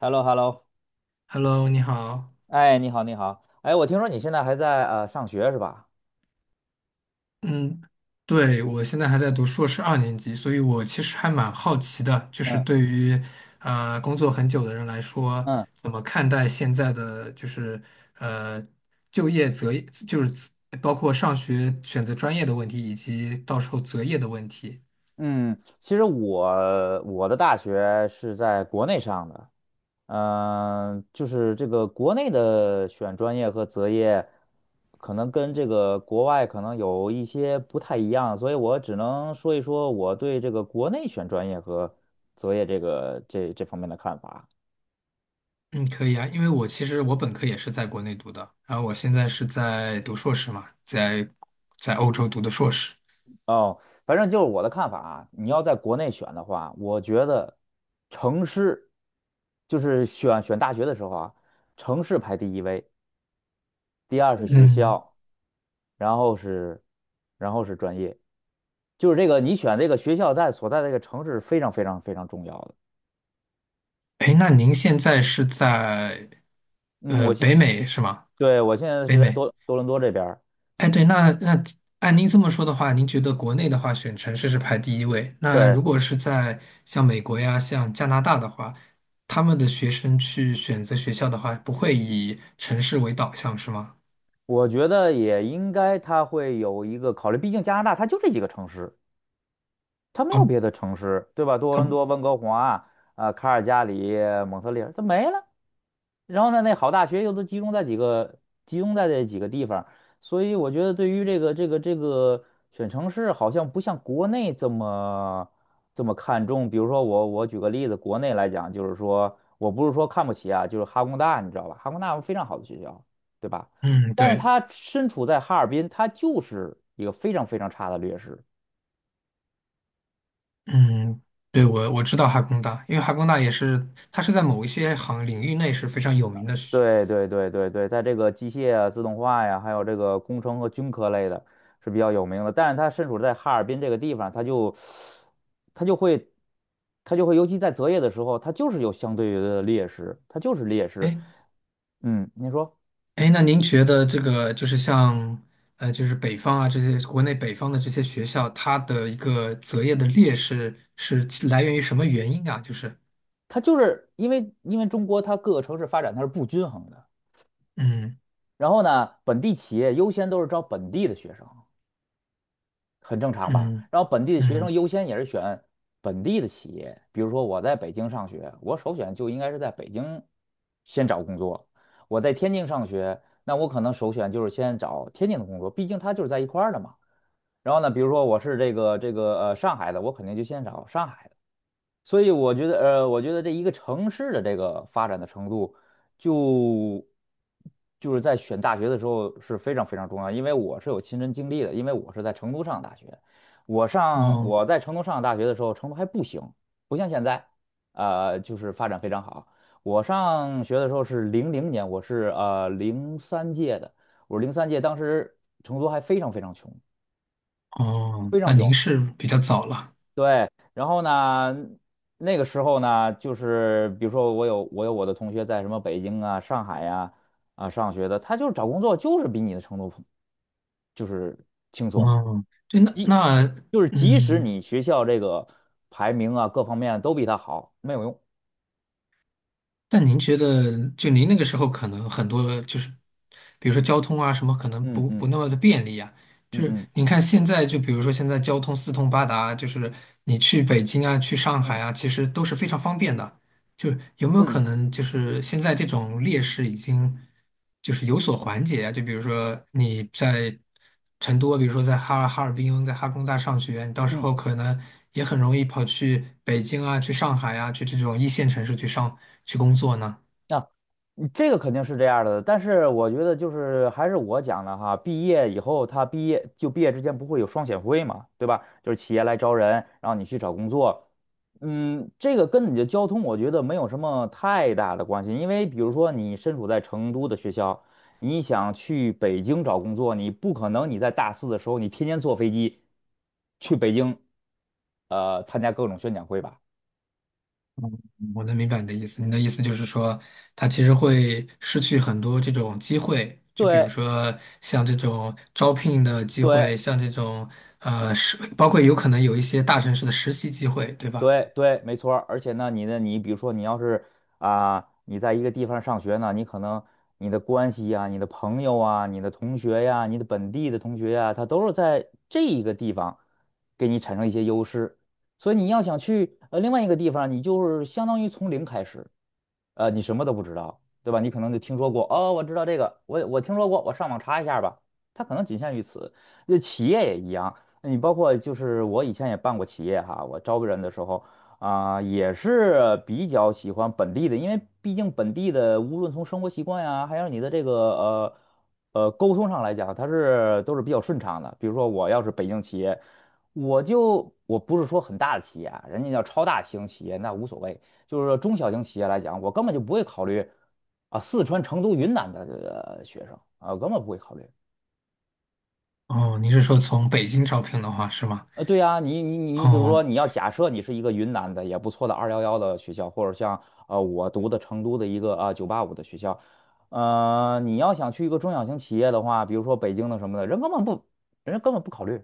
h e l l o h e l l o Hello，你好。哎，你好，你好，哎，我听说你现在还在上学是吧？嗯，对，我现在还在读硕士二年级，所以我其实还蛮好奇的，就是嗯对于工作很久的人来说，嗯怎么看待现在的就是呃就业择业，就是包括上学选择专业的问题，以及到时候择业的问题。嗯，其实我的大学是在国内上的，就是这个国内的选专业和择业，可能跟这个国外可能有一些不太一样，所以我只能说一说我对这个国内选专业和择业这个这方面的看法。嗯，可以啊，因为我其实我本科也是在国内读的，然后我现在是在读硕士嘛，在欧洲读的硕士。哦，反正就是我的看法啊，你要在国内选的话，我觉得城市就是选大学的时候啊，城市排第一位，第二是学嗯。校，然后是然后是专业，就是这个你选这个学校在所在的这个城市非常非常非常重要的。哎，那您现在是在嗯，我现北美是吗？对，我现在北是在美。多伦多这边儿。哎，对，那按您这么说的话，您觉得国内的话选城市是排第一位？那对，如果是在像美国呀、像加拿大的话，他们的学生去选择学校的话，不会以城市为导向是吗？我觉得也应该他会有一个考虑，毕竟加拿大它就这几个城市。它没有哦，别的城市，对吧？多他伦多、温哥华、卡尔加里、蒙特利尔，它没了。然后呢，那好大学又都集中在几个，集中在这几个地方，所以我觉得对于这个选城市，好像不像国内这么看重。比如说我举个例子，国内来讲，就是说我不是说看不起啊，就是哈工大，你知道吧？哈工大非常好的学校，对吧？嗯，但是对，它身处在哈尔滨，它就是一个非常非常差的劣势。嗯，对，我知道哈工大，因为哈工大也是，它是在某一些领域内是非常有名的。对对对对对，在这个机械啊、自动化呀，还有这个工程和军科类的是比较有名的。但是它身处在哈尔滨这个地方，它就会它就会，尤其在择业的时候，它就是有相对的劣势，它就是劣势。哎，嗯，你说，哎，那您觉得这个就是像就是北方啊，这些国内北方的这些学校，它的一个择业的劣势是来源于什么原因啊？就是它就是因为中国它各个城市发展它是不均衡的。嗯然后呢，本地企业优先都是招本地的学生。很正常吧？嗯然后本地的学生嗯，优先也是选本地的企业，比如说我在北京上学，我首选就应该是在北京先找工作；我在天津上学，那我可能首选就是先找天津的工作，毕竟它就是在一块儿的嘛。然后呢，比如说我是这个上海的，我肯定就先找上海的。所以我觉得，我觉得这一个城市的这个发展的程度就，就是在选大学的时候是非常非常重要。因为我是有亲身经历的，因为我是在成都上大学，哦我在成都上大学的时候，成都还不行，不像现在，就是发展非常好。我上学的时候是00年，我是零三届的，我是零三届，当时成都还非常非常穷，哦，非常那穷。您是比较早了对。然后呢，那个时候呢，就是比如说我的同学在什么北京啊、上海呀，上学的，他就是找工作就是比你的程度就是轻松，哦，对，那即那就是即使嗯。你学校这个排名啊各方面都比他好，没有用。但您觉得，就您那个时候可能很多就是，比如说交通啊什么，可能嗯不嗯不那么的便利啊。就嗯是嗯您看现在，就比如说现在交通四通八达，就是你去北京啊、去上嗯海啊，其实都是非常方便的。就是有没有嗯可能，就是现在这种劣势已经就是有所缓解啊？就比如说你在成都，比如说在哈尔滨，在哈工大上学，你到时嗯。候可能也很容易跑去北京啊，去上海啊，去这种一线城市去工作呢？那、啊嗯这个肯定是这样儿的，但是我觉得就是还是我讲的哈，毕业以后他毕业就毕业之前不会有双选会嘛，对吧？就是企业来招人，然后你去找工作，这个跟你的交通我觉得没有什么太大的关系，因为比如说你身处在成都的学校，你想去北京找工作，你不可能你在大四的时候你天天坐飞机去北京，参加各种宣讲会吧。我能明白你的意思，你的意思就是说，他其实会失去很多这种机会，就比如对说像这种招聘的机对，会，像这种包括有可能有一些大城市的实习机会，对吧？对对，没错儿。而且呢，你比如说，你要是你在一个地方上学呢，你可能你的关系呀、你的朋友啊、你的同学呀、你的本地的同学呀、他都是在这一个地方给你产生一些优势。所以你要想去另外一个地方，你就是相当于从零开始。你什么都不知道，对吧？你可能就听说过，哦，我知道这个，我听说过，我上网查一下吧。它可能仅限于此。那企业也一样，你包括就是我以前也办过企业哈，我招人的时候啊，也是比较喜欢本地的，因为毕竟本地的无论从生活习惯呀，还有你的这个沟通上来讲，它是都是比较顺畅的。比如说我要是北京企业，我不是说很大的企业啊，人家叫超大型企业那无所谓。就是说中小型企业来讲，我根本就不会考虑四川、成都、云南的学生啊，根本不会考虑。哦，你是说从北京招聘的话是吗？对呀，你比如哦，说你要假设你是一个云南的也不错的二幺幺的学校，或者像我读的成都的一个九八五的学校，你要想去一个中小型企业的话，比如说北京的什么的，人家根本不考虑，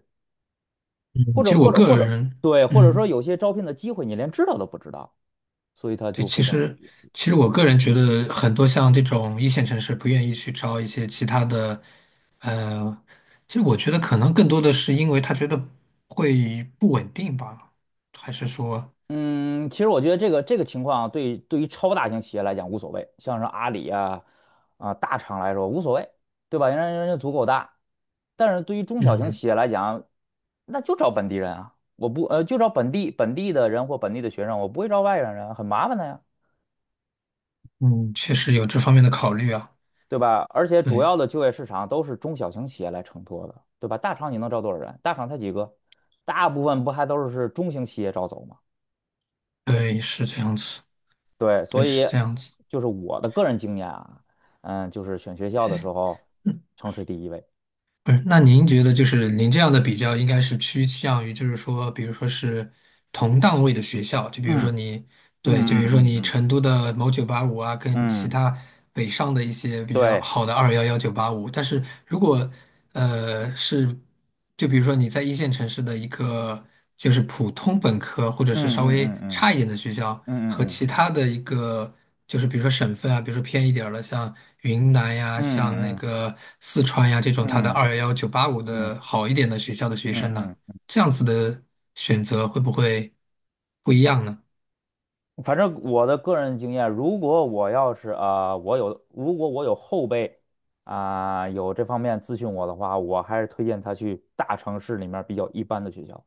嗯或其者实我或者个或者人，对，或者说嗯，有些招聘的机会你连知道都不知道，所以他对，就非其常。实其实我个人觉得很多像这种一线城市不愿意去招一些其他的，呃，其实我觉得可能更多的是因为他觉得会不稳定吧，还是说，嗯，其实我觉得这个情况对于超大型企业来讲无所谓，像是阿里大厂来说无所谓，对吧？人家足够大，但是对于中小型嗯企业来讲，那就找本地人啊，我不呃就找本地的人或本地的学生，我不会招外来人啊，很麻烦的呀，嗯，确实有这方面的考虑啊，对吧？而且主对要的就业市场都是中小型企业来承托的，对吧？大厂你能招多少人？大厂才几个，大部分不还都是中型企业招走吗？对，是这样子，对，对，所以是这样子。就是我的个人经验啊，就是选学校的时候，城市第一位。不是，那您觉得就是您这样的比较，应该是趋向于就是说，比如说是同档位的学校，就比如嗯说你嗯对，就嗯比如说嗯你嗯成都的某九八五啊，跟其嗯，他北上的一些比较对，好的211、985，但是如果呃是。就比如说你在一线城市的一个就是普通本科或者是嗯稍嗯微嗯嗯差一点的学校，嗯和嗯其他的一个就是比如说省份啊，比如说偏一点儿的，像云南呀、嗯像那嗯个四川呀这种，它的嗯211、985嗯的好一点的学校的学嗯生呢，嗯，这样子的选择会不会不一样呢？反正我的个人经验，如果我要是如果我有后辈有这方面咨询我的话，我还是推荐他去大城市里面比较一般的学校。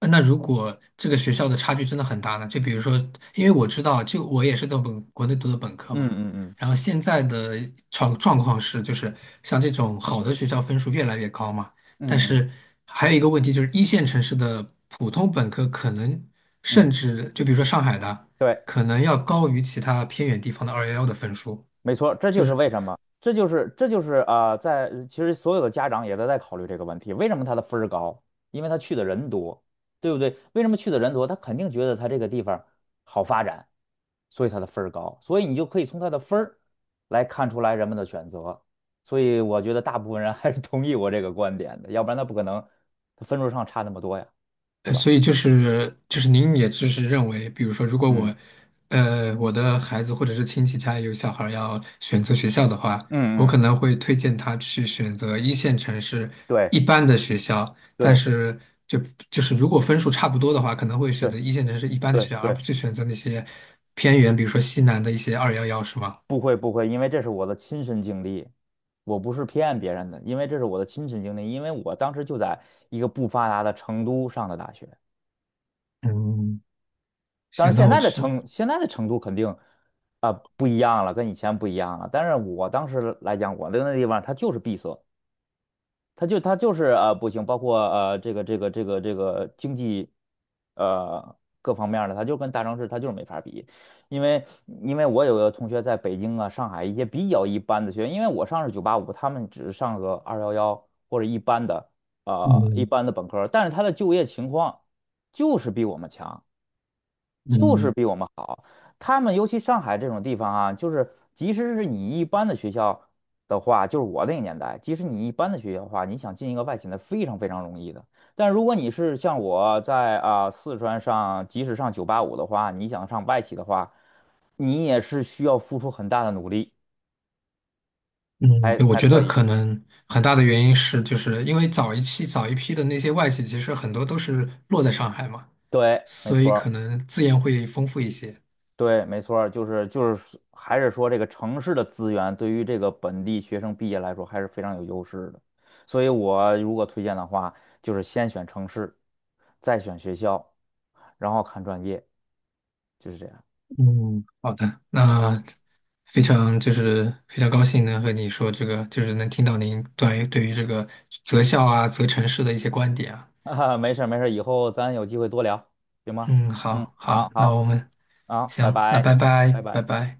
那如果这个学校的差距真的很大呢？就比如说，因为我知道，就我也是在本国内读的本科嗯嘛，嗯嗯然后现在的状况是，就是像这种好的学校分数越来越高嘛，嗯但嗯是还有一个问题就是一线城市的普通本科可能甚嗯至就比如说上海的，对。可能要高于其他偏远地方的211的分数，没错，这就就是是。为什么，这就是其实所有的家长也都在考虑这个问题，为什么他的分儿高？因为他去的人多，对不对？为什么去的人多？他肯定觉得他这个地方好发展，所以他的分儿高，所以你就可以从他的分儿来看出来人们的选择。所以我觉得大部分人 还是同意我这个观点的，要不然他不可能他分数上差那么多呀，对吧？所以就是您也就是认为，比如说，如果嗯我，呃，我的孩子或者是亲戚家有小孩儿要选择学校的话，我嗯可嗯，能会推荐他去选择一线城市一般的学校，但对是就就是如果分数差不多的话，可能会选对择一线城市一般的对学校，对而不对。去选择那些偏远，比如说西南的一些二幺幺，是吗？不会不会，因为这是我的亲身经历，我不是骗别人的，因为这是我的亲身经历，因为我当时就在一个不发达的成都上的大学，嗯，当然行，那我去。现在的成都肯定不一样了，跟以前不一样了，但是我当时来讲，我那个地方它就是闭塞，他就是不行，包括这个经济呃各方面儿的，他就跟大城市他就是没法比，因为我有个同学在北京啊、上海一些比较一般的学院，因为我上是九八五，他们只是上个二幺幺或者一般的呃一嗯般的本科儿但是他的就业情况就是比我们强。就是嗯。比我们好。他们尤其上海这种地方啊，就是即使是你一般的学校的话，就是我那个年代，即使你一般的学校的话，你想进一个外企那非常非常容易的。但如果你是像我在四川上，即使上九八五的话，你想上外企的话，你也是需要付出很大的努力嗯，对我才觉得可可以。能很大的原因是，就是因为早一期、早一批的那些外企，其实很多都是落在上海嘛，对，没所以错可儿。能资源会丰富一些。对，没错儿就是还是说这个城市的资源对于这个本地学生毕业来说还是非常有优势的，所以我如果推荐的话，就是先选城市，再选学校，然后看专业，就是这样。嗯，好的，那非常高兴能和你说这个，就是能听到您关于对于这个择校啊、择城市的一些观点啊。啊，没事儿没事儿以后咱有机会多聊，行吗？嗯，嗯，好好好，那好我们好，拜行，那拜拜，拜，拜拜拜。拜。